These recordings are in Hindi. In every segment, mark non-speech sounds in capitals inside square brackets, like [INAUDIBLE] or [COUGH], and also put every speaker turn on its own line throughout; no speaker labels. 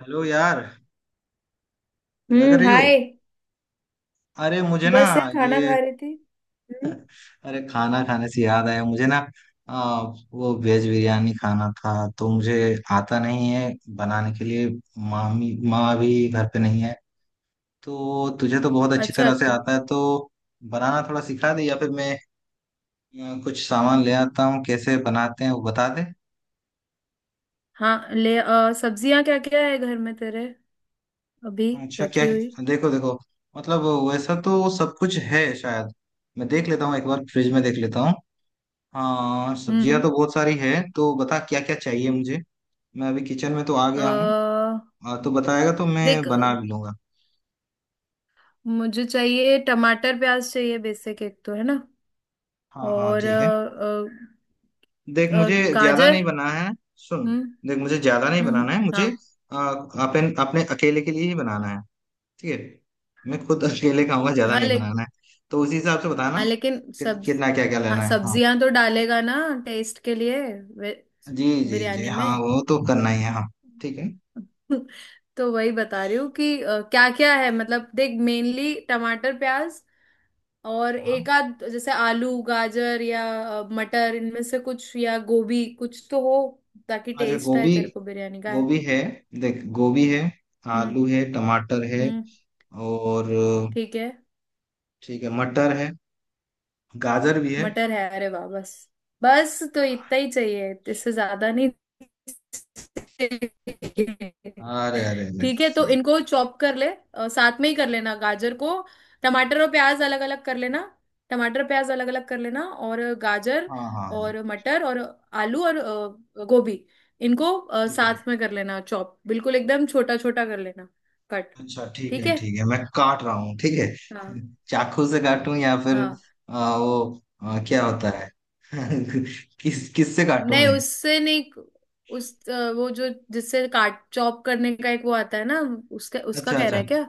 हेलो यार। क्या कर
हम्म।
रही हो।
हाय।
अरे मुझे ना।
बस यार खाना
ये।
खा रही थी। हम्म।
अरे खाना खाने से याद आया मुझे ना। आ, वो वेज बिरयानी खाना था। तो मुझे आता नहीं है बनाने के लिए। मामी माँ भी घर पे नहीं है। तो तुझे तो बहुत अच्छी
अच्छा
तरह से
तो।
आता है तो बनाना थोड़ा सिखा दे या फिर मैं कुछ सामान ले आता हूँ। कैसे बनाते हैं वो बता दे।
हाँ ले आ, सब्जियां क्या क्या है घर में तेरे अभी
अच्छा क्या?
रखी हुई?
देखो देखो। मतलब वैसा तो सब कुछ है शायद। मैं देख लेता हूँ एक बार फ्रिज में देख लेता हूँ। हाँ सब्जियां
हम्म।
तो बहुत सारी है। तो बता क्या क्या चाहिए मुझे। मैं अभी किचन में तो आ गया हूँ।
आ,
तो बताएगा तो मैं
देख
बना भी लूंगा।
मुझे चाहिए टमाटर प्याज चाहिए, बेसिक एक तो है ना।
हाँ हाँ
और
ठीक है। देख
अ, अ,
मुझे ज्यादा
गाजर।
नहीं बनाना है। सुन।
हम्म।
देख मुझे ज्यादा नहीं
हम्म।
बनाना है मुझे।
हाँ
आ, अपने अकेले के लिए ही बनाना है। ठीक है मैं खुद अकेले खाऊंगा ज्यादा
हाँ
नहीं
ले।
बनाना है। तो उसी हिसाब से बताना
हाँ लेकिन
कि
सब्ज
कितना क्या क्या
हाँ
लेना है हाँ।
सब्जियां तो डालेगा ना, टेस्ट के लिए वे-
जी जी जी
बिरयानी
हाँ
में।
वो तो करना ही है हाँ। ठीक है
[LAUGHS] तो वही बता रही हूँ कि क्या क्या है, मतलब देख मेनली टमाटर प्याज और
हाँ।
एक आध जैसे आलू गाजर या मटर, इनमें से कुछ या गोभी कुछ तो हो, ताकि
अच्छा
टेस्ट आए
गोभी।
तेरे को बिरयानी का। है?
गोभी है। देख गोभी है।
हम्म।
आलू है टमाटर है
हम्म।
और
ठीक है,
ठीक है मटर है गाजर भी है।
मटर है, अरे वाह बस। बस तो इतना ही चाहिए, इससे ज्यादा नहीं।
अरे अरे अरे
ठीक है तो
सही।
इनको चॉप कर ले, साथ में ही कर लेना गाजर को। टमाटर और प्याज अलग अलग कर लेना। टमाटर प्याज अलग अलग कर लेना, और गाजर
हाँ हाँ हाँ
और मटर और आलू और गोभी इनको,
ठीक है
साथ
ठीक
में कर लेना चॉप, बिल्कुल एकदम छोटा छोटा कर लेना, कट।
है। अच्छा
ठीक है।
ठीक है मैं काट रहा हूँ ठीक है।
हाँ
[LAUGHS] चाकू से काटूं या फिर
हाँ।
वो क्या होता है? [LAUGHS] किस किससे काटूं
नहीं
मैं?
उससे नहीं, वो जो जिससे काट चॉप करने का एक वो आता है ना, उसका उसका
अच्छा
कह रहा
अच्छा।
है क्या?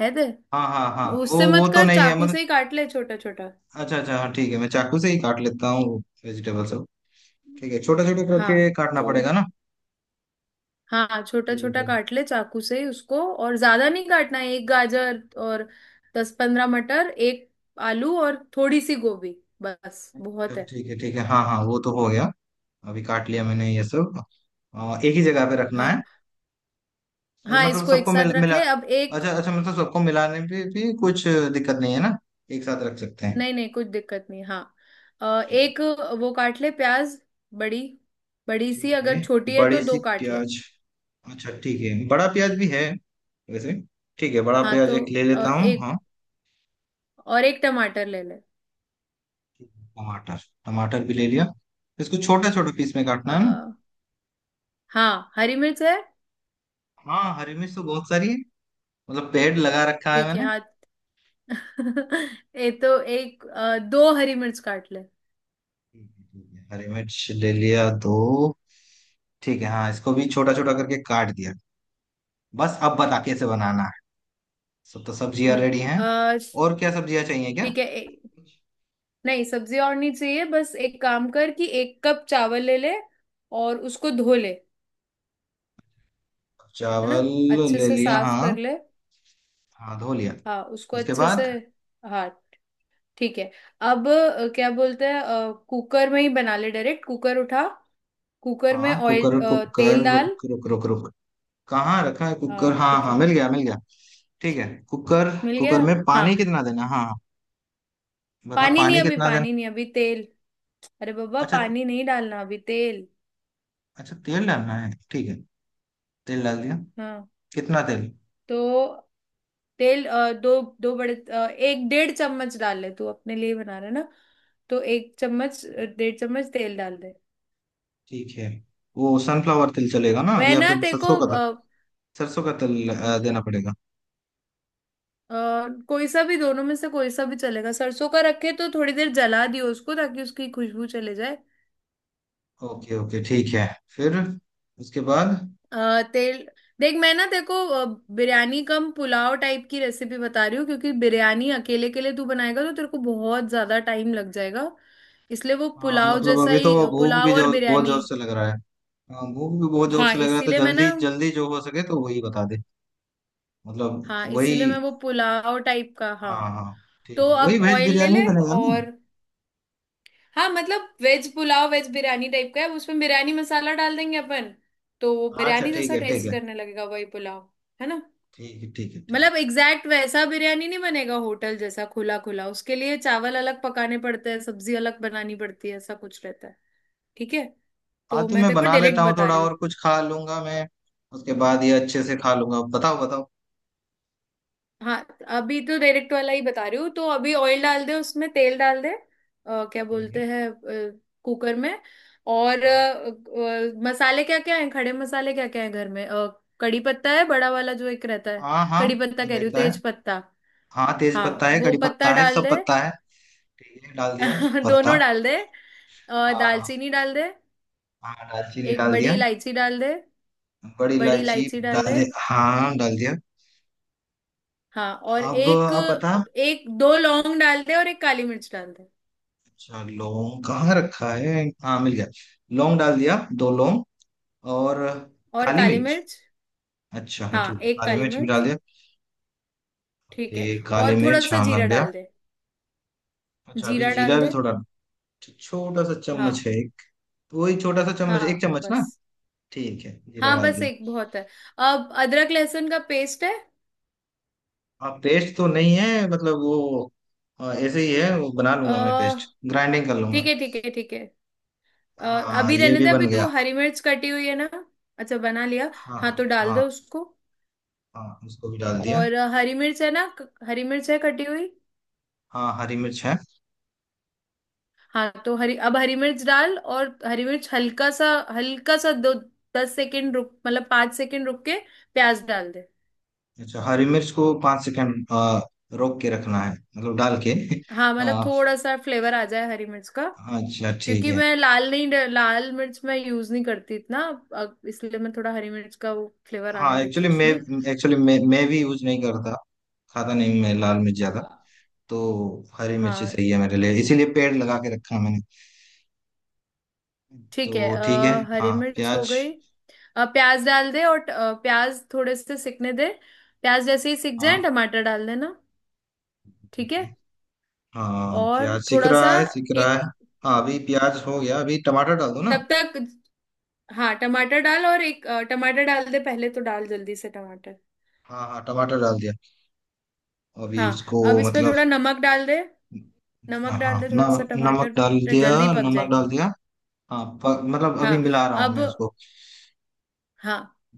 है दे।
हाँ हाँ हाँ वो
उससे
वो
मत
तो
कर,
नहीं है
चाकू
मतलब।
से ही काट ले छोटा छोटा।
अच्छा अच्छा हाँ ठीक है मैं चाकू से ही काट लेता हूँ वेजिटेबल सब। ठीक है छोटा छोटा करके
हाँ
काटना
तो
पड़ेगा ना?
हाँ छोटा
ठीक
छोटा
है।
काट ले चाकू से ही उसको, और ज्यादा नहीं काटना है, एक गाजर और 10-15 मटर, एक आलू और थोड़ी सी गोभी, बस
तो
बहुत है।
ठीक है हाँ हाँ वो तो हो गया। अभी काट लिया मैंने ये सब। एक ही जगह पे रखना है।
हाँ
और
हाँ
मतलब
इसको एक
सबको
साथ
मिला
रख
मिला।
ले, अब एक,
अच्छा अच्छा मतलब सबको मिलाने पे भी कुछ दिक्कत नहीं है ना? एक साथ रख सकते हैं।
नहीं नहीं कुछ दिक्कत नहीं, हाँ
ठीक है
एक वो काट ले प्याज, बड़ी बड़ी सी,
ठीक है
अगर छोटी है तो
बड़ी सी
दो काट ले।
प्याज। अच्छा ठीक है बड़ा प्याज भी है वैसे। ठीक है बड़ा
हाँ
प्याज
तो
एक ले लेता हूँ
एक,
हाँ।
और एक टमाटर ले ले।
ठीक है, टमाटर। टमाटर भी ले लिया। इसको छोटे छोटे पीस में काटना
अ,
है ना?
हाँ हरी मिर्च है?
हाँ हरी मिर्च तो बहुत सारी है। मतलब पेड़ लगा रखा है
ठीक है
मैंने।
हाँ। [LAUGHS] ये तो एक, दो हरी मिर्च काट ले।
ठीक है ठीक है। हरी मिर्च ले लिया दो। ठीक है हाँ इसको भी छोटा छोटा करके काट दिया। बस अब बता कैसे बनाना है। सब तो सब्जियां
हम्म।
रेडी हैं।
अ,
और क्या सब्जियां चाहिए क्या?
ठीक है, नहीं सब्जी और नहीं चाहिए, बस एक काम कर कि 1 कप चावल ले ले और उसको धो ले, है ना,
चावल
अच्छे
ले
से
लिया।
साफ कर
हाँ
ले।
हाँ धो लिया।
हाँ उसको
उसके
अच्छे से।
बाद?
हाँ ठीक है, अब क्या बोलते हैं, कुकर में ही बना ले डायरेक्ट, कुकर उठा। कुकर में
हाँ
ऑयल,
कुकर कुकर
तेल डाल।
रुक रुक रुक रुक। कहाँ रखा है कुकर।
हाँ
हाँ
ठीक
हाँ
है
मिल गया मिल गया। ठीक है कुकर।
मिल
कुकर
गया।
में पानी
हाँ
कितना देना हाँ हाँ। बता
पानी नहीं,
पानी
अभी
कितना देना।
पानी नहीं, अभी तेल। अरे बाबा
अच्छा।
पानी नहीं डालना, अभी तेल।
अच्छा तेल डालना है ठीक है। तेल डाल दिया।
हाँ
कितना तेल?
तो तेल दो दो बड़े, एक डेढ़ चम्मच डाल ले, तू अपने लिए बना रहा है ना, तो एक चम्मच, 1.5 चम्मच तेल डाल दे।
ठीक है वो सनफ्लावर तेल चलेगा ना
मैं
या
ना
फिर
तेरे को
सरसों का तेल? सरसों का तेल देना पड़ेगा।
अ, कोई सा भी, दोनों में से कोई सा भी चलेगा। सरसों का रखे तो थोड़ी देर जला दियो उसको, ताकि उसकी खुशबू चले जाए।
ओके ओके ठीक है। फिर? उसके बाद?
तेल, देख मैं ना तेरे को बिरयानी कम पुलाव टाइप की रेसिपी बता रही हूँ, क्योंकि बिरयानी अकेले के लिए तू बनाएगा तो तेरे को बहुत ज्यादा टाइम लग जाएगा। इसलिए वो
अ,
पुलाव
मतलब
जैसा
अभी तो
ही,
भूख भी
पुलाव और
जो बहुत
बिरयानी।
जोर से लग रहा है। भूख भी बहुत जोर
हाँ
से लग रहा है तो
इसीलिए मैं ना,
जल्दी जल्दी जो हो सके तो वही बता दे। मतलब
हाँ इसीलिए मैं
वही।
वो पुलाव टाइप का, हाँ
हाँ हाँ ठीक
तो
है वही
अब
वेज
ऑयल ले
बिरयानी
ले।
बनेगा ना?
और हाँ मतलब veg pulao veg biryani type का है, उसमें बिरयानी मसाला डाल देंगे अपन, तो वो
अच्छा
बिरयानी
ठीक
जैसा
है ठीक
टेस्ट
है
करने लगेगा, वही पुलाव, है ना।
ठीक है ठीक है ठीक है।
मतलब एग्जैक्ट वैसा बिरयानी नहीं बनेगा होटल जैसा खुला खुला, उसके लिए चावल अलग पकाने पड़ते हैं, सब्जी अलग बनानी पड़ती है, ऐसा कुछ रहता है। ठीक है
हाँ
तो
तो
मैं
मैं
तेरे को
बना लेता
डायरेक्ट
हूँ
बता
थोड़ा
रही हूँ।
और कुछ खा लूंगा मैं। उसके बाद ये अच्छे से खा लूंगा बताओ बताओ।
हाँ अभी तो डायरेक्ट वाला ही बता रही हूँ, तो अभी ऑयल डाल दे, उसमें तेल डाल दे, क्या
ठीक
बोलते
है
हैं कुकर में, और
हाँ
मसाले क्या क्या हैं, खड़े मसाले क्या क्या हैं घर में? कड़ी पत्ता है, बड़ा वाला जो एक रहता है,
हाँ हाँ,
कड़ी पत्ता कह रही हूँ,
रहता है।
तेज पत्ता।
हाँ तेज
हाँ
पत्ता है
वो
कड़ी
पत्ता
पत्ता है
डाल
सब
दे।
पत्ता है। ठीक है डाल दिया
[LAUGHS]
पत्ता।
दोनों डाल दे।
हाँ
दालचीनी डाल दे।
हाँ दालचीनी
एक
डाल
बड़ी
दिया।
इलायची डाल दे,
बड़ी
बड़ी
इलायची
इलायची डाल
डाल
दे।
दिया हाँ डाल दिया।
हाँ और
अब
एक,
अब बता।
एक दो लौंग डाल दे, और एक काली मिर्च डाल दे।
अच्छा लौंग कहाँ रखा है हाँ मिल गया। लौंग डाल दिया दो लौंग। और
और
काली
काली
मिर्च।
मिर्च।
अच्छा हाँ
हाँ
ठीक है
एक
काली
काली
मिर्च भी डाल
मिर्च।
दिया।
ठीक
ओके
है।
काली
और थोड़ा
मिर्च
सा
हाँ
जीरा
बन गया।
डाल दे,
अच्छा अभी
जीरा
जीरा
डाल
भी
दे,
थोड़ा? छोटा सा चम्मच
हाँ,
है एक। वही छोटा सा चम्मच एक
हाँ
चम्मच ना?
बस,
ठीक है जीरा
हाँ
डाल
बस
दिया।
एक बहुत है। अब अदरक लहसुन का पेस्ट है?
हाँ पेस्ट तो नहीं है मतलब वो। हाँ, ऐसे ही है वो बना
अ,
लूंगा मैं पेस्ट। ग्राइंडिंग कर
ठीक
लूंगा।
है ठीक है ठीक है, अ,
हाँ
अभी
ये
रहने
भी
दे, अभी
बन गया।
तू हरी मिर्च कटी हुई है ना, अच्छा बना लिया। हाँ तो
हाँ
डाल दे
हाँ
उसको,
हाँ उसको भी डाल दिया।
और हरी मिर्च है ना, हरी मिर्च है कटी हुई?
हाँ हरी मिर्च है।
हाँ तो हरी, अब हरी मिर्च डाल, और हरी मिर्च हल्का सा, हल्का सा दो, 10 सेकेंड रुक, मतलब 5 सेकेंड रुक के प्याज डाल दे।
अच्छा हरी मिर्च को 5 सेकंड रोक के रखना है मतलब डाल के।
हाँ
[LAUGHS]
मतलब
आ,
थोड़ा सा फ्लेवर आ जाए हरी मिर्च का।
अच्छा ठीक
क्योंकि
है।
मैं लाल नहीं, लाल मिर्च मैं यूज नहीं करती इतना। अब इसलिए मैं थोड़ा हरी मिर्च का वो फ्लेवर आने
हाँ
देती हूँ
एक्चुअली मैं
उसमें।
एक्चुअली मैं मैं भी यूज नहीं करता। खाता नहीं मैं लाल मिर्च ज्यादा। तो हरी मिर्च ही
हाँ
सही है मेरे लिए इसीलिए पेड़ लगा के रखा है मैंने।
ठीक है,
तो ठीक है
हरी
हाँ
मिर्च हो
प्याज
गई, प्याज डाल दे और प्याज थोड़े से सिकने दे, प्याज जैसे ही सिक जाए
हाँ
टमाटर डाल देना।
ठीक
ठीक है
है। हाँ
और
प्याज सीख
थोड़ा सा,
रहा है सीख रहा
एक
है। हाँ अभी प्याज हो गया अभी टमाटर डाल दो ना।
तब तक, हाँ टमाटर डाल, और एक टमाटर डाल दे पहले, तो डाल जल्दी से टमाटर।
हाँ हाँ टमाटर डाल दिया अभी
हाँ
उसको
अब इसमें
मतलब।
थोड़ा नमक डाल दे, नमक
हाँ हाँ
डाल दे थोड़ा सा,
नमक
टमाटर
डाल
तो
दिया।
जल्दी पक
नमक डाल
जाएंगे।
दिया। हाँ मतलब अभी
हाँ
मिला रहा हूँ
अब,
मैं उसको
हाँ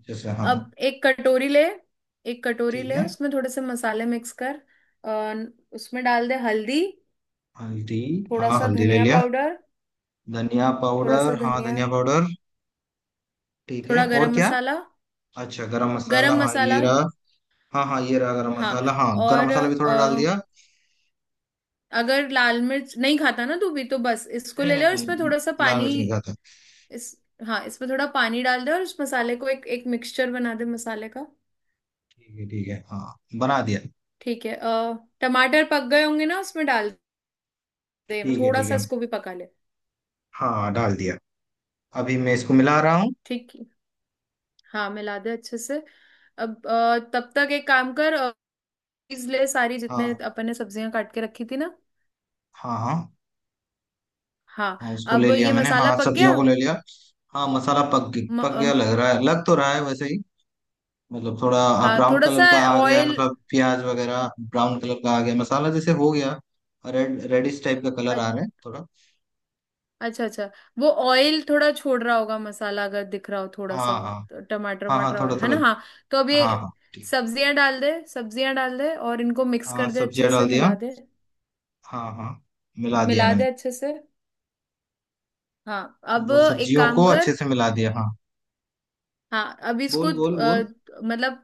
जैसे हाँ।
एक कटोरी ले, एक कटोरी
ठीक
ले
है
उसमें थोड़े से मसाले मिक्स कर, और उसमें डाल दे हल्दी,
हल्दी।
थोड़ा
हाँ
सा
हल्दी ले
धनिया
लिया।
पाउडर,
धनिया
थोड़ा सा
पाउडर हाँ
धनिया,
धनिया पाउडर। ठीक है
थोड़ा
और
गरम
क्या?
मसाला,
अच्छा गरम मसाला
गरम
हाँ ये
मसाला।
रहा। हाँ हाँ ये रहा गरम
हाँ
मसाला। हाँ गरम
और
मसाला भी थोड़ा डाल दिया।
अगर लाल मिर्च नहीं खाता ना तू भी, तो बस इसको
नहीं
ले
नहीं
ले और इसमें
नहीं
थोड़ा सा
लाल
पानी,
मिर्च नहीं खाता।
इस हाँ इसमें थोड़ा पानी डाल दे, और उस मसाले को एक एक मिक्सचर बना दे मसाले का।
ठीक है हाँ बना दिया।
ठीक है, टमाटर पक गए होंगे ना, उसमें डाल दे थोड़ा
ठीक
सा,
है
इसको भी पका ले।
हाँ डाल दिया अभी मैं इसको मिला रहा हूँ।
ठीक है हाँ मिला दे अच्छे से। अब तब तक एक काम कर, चीज़ ले सारी, जितने
हाँ
अपन ने सब्जियां काट के रखी थी ना।
हाँ हाँ
हाँ
हाँ उसको ले
अब
लिया
ये
मैंने। हाँ
मसाला पक
सब्जियों
गया।
को ले लिया। हाँ मसाला
म,
पक गया
अम,
लग रहा है लग तो रहा है वैसे ही। मतलब थोड़ा हाँ,
हाँ
ब्राउन
थोड़ा सा
कलर का आ गया है,
ऑयल।
मतलब प्याज वगैरह ब्राउन कलर का आ गया मसाला जैसे हो गया। रेडिश टाइप का कलर आ रहा है थोड़ा।
अच्छा अच्छा, वो ऑयल थोड़ा छोड़ रहा होगा मसाला, अगर दिख रहा हो थोड़ा सा,
हाँ हाँ
तो टमाटर
हाँ हाँ
वमाटर
थोड़ा
है
थोड़ा।
ना, हाँ, तो अब ये
हाँ हाँ ठीक।
सब्जियां डाल दे, सब्जियां डाल दे और इनको मिक्स
हाँ
कर दे
सब्जियाँ
अच्छे से,
डाल दिया।
मिला दे,
हाँ हाँ मिला दिया
मिला
मैंने।
दे अच्छे से। हाँ अब
वो
एक
सब्जियों
काम
को अच्छे
कर,
से मिला दिया। हाँ
हाँ अब इसको
बोल बोल बोल।
मतलब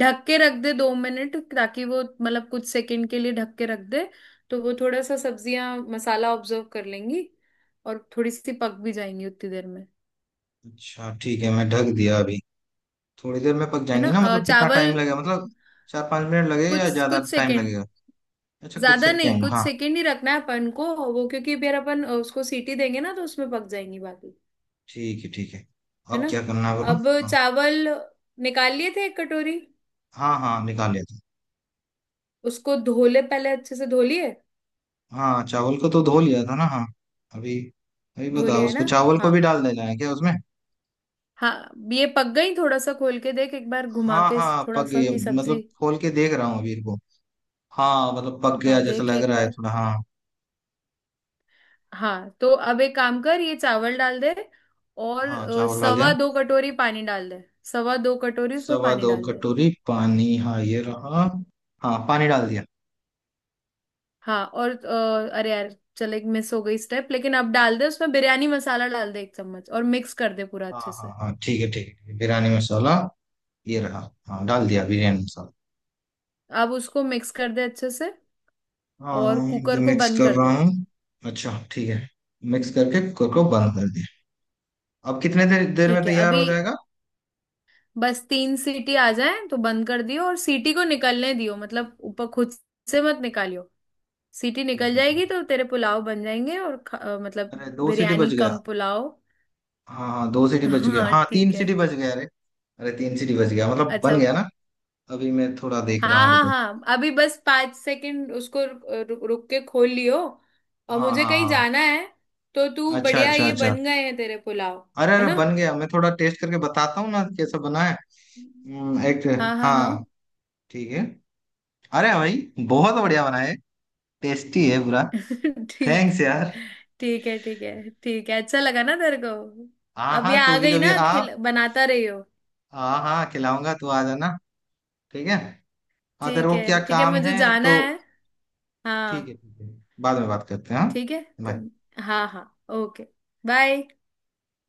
ढक के रख दे 2 मिनट, ताकि वो, मतलब कुछ सेकंड के लिए ढक के रख दे, तो वो थोड़ा सा सब्जियां मसाला ऑब्जर्व कर लेंगी, और थोड़ी सी पक भी जाएंगी उतनी देर में,
अच्छा ठीक है मैं ढक दिया अभी। थोड़ी देर में पक
है ना।
जाएंगी ना मतलब कितना टाइम
चावल,
लगेगा मतलब 4-5 मिनट लगेगा या
कुछ
ज्यादा
कुछ
टाइम
सेकंड,
लगेगा? अच्छा कुछ
ज्यादा नहीं,
सेकेंड
कुछ
हाँ
सेकंड ही रखना है अपन को, वो क्योंकि फिर अपन उसको सीटी देंगे ना तो उसमें पक जाएंगी बाकी,
ठीक है ठीक है।
है
अब
ना।
क्या करना है बोलो?
अब
हाँ
चावल निकाल लिए थे एक कटोरी,
हाँ हाँ निकाल लिया था।
उसको धो ले पहले, अच्छे से धो लिए,
हाँ चावल को तो धो लिया था ना हाँ। अभी अभी
धो
बताओ
लिया है
उसको
ना।
चावल को
हाँ,
भी डाल देना है क्या उसमें?
हाँ ये पक गई, थोड़ा सा खोल के देख एक बार घुमा
हाँ
के,
हाँ
थोड़ा
पक गई
सा
है।
की
मतलब
सब्जी।
खोल के देख रहा हूँ अभी इनको। हाँ मतलब पक गया
हाँ
जैसा
देख
लग
एक
रहा है
बार।
थोड़ा। हाँ
हाँ तो अब एक काम कर, ये चावल डाल दे और
हाँ चावल डाल
सवा
दिया।
दो कटोरी पानी डाल दे, 2.25 कटोरी उसमें
सवा
पानी
दो
डाल दे।
कटोरी पानी हाँ ये रहा। हाँ पानी डाल दिया।
हाँ और अरे यार चल, एक मिस हो गई स्टेप, लेकिन अब डाल दे उसमें बिरयानी मसाला डाल दे, 1 चम्मच, और मिक्स कर दे पूरा
हाँ
अच्छे
हाँ
से।
हाँ ठीक है बिरयानी मसाला ये रहा। हाँ डाल दिया बिरयानी मसाला।
अब उसको मिक्स कर दे अच्छे से, और
हाँ ये
कुकर को
मिक्स
बंद
कर
कर
रहा
दे।
हूँ। अच्छा ठीक है मिक्स करके कुकर को बंद कर दिया। अब कितने देर देर में
ठीक है,
तैयार हो
अभी
जाएगा?
बस तीन सीटी आ जाए तो बंद कर दियो, और सीटी को निकलने दियो, मतलब ऊपर खुद से मत निकालियो, सीटी निकल
ठीक
जाएगी तो तेरे पुलाव बन जाएंगे, और मतलब
है अरे दो सीटी
बिरयानी
बज गया।
कम पुलाव।
हाँ हाँ दो सीटी
[LAUGHS]
बज गया
हाँ
हाँ तीन
ठीक है।
सीटी बज गया। अरे अरे तीन सीटी बज गया मतलब
अच्छा।
बन गया ना? अभी मैं थोड़ा देख
हाँ
रहा हूँ
हाँ
रुको।
हाँ अभी बस 5 सेकंड उसको रुक के खोल लियो, और
हाँ
मुझे
हाँ
कहीं
हाँ
जाना है, तो तू
अच्छा
बढ़िया,
अच्छा
ये
अच्छा।
बन गए हैं तेरे पुलाव,
अरे
है
अरे
ना।
बन गया मैं थोड़ा टेस्ट करके बताता हूँ ना कैसा बना है। एक
हाँ हाँ हाँ।
हाँ ठीक है। अरे भाई बहुत बढ़िया बना है। टेस्टी है पूरा।
[LAUGHS] ठीक।
थैंक्स यार।
ठीक है ठीक है ठीक है, अच्छा लगा ना तेरे को।
हाँ
अब ये
हाँ तू
आ
भी
गई
कभी
ना
आ।
खिल बनाता रही हो।
हाँ हाँ खिलाऊंगा तू आ जाना। ठीक है और तेरे को क्या
ठीक है
काम
मुझे
है
जाना
तो?
है। हाँ।
ठीक है बाद में बात करते हैं हाँ।
ठीक है
बाय।
तुम। हाँ हाँ। ओके। बाय।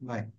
बाय।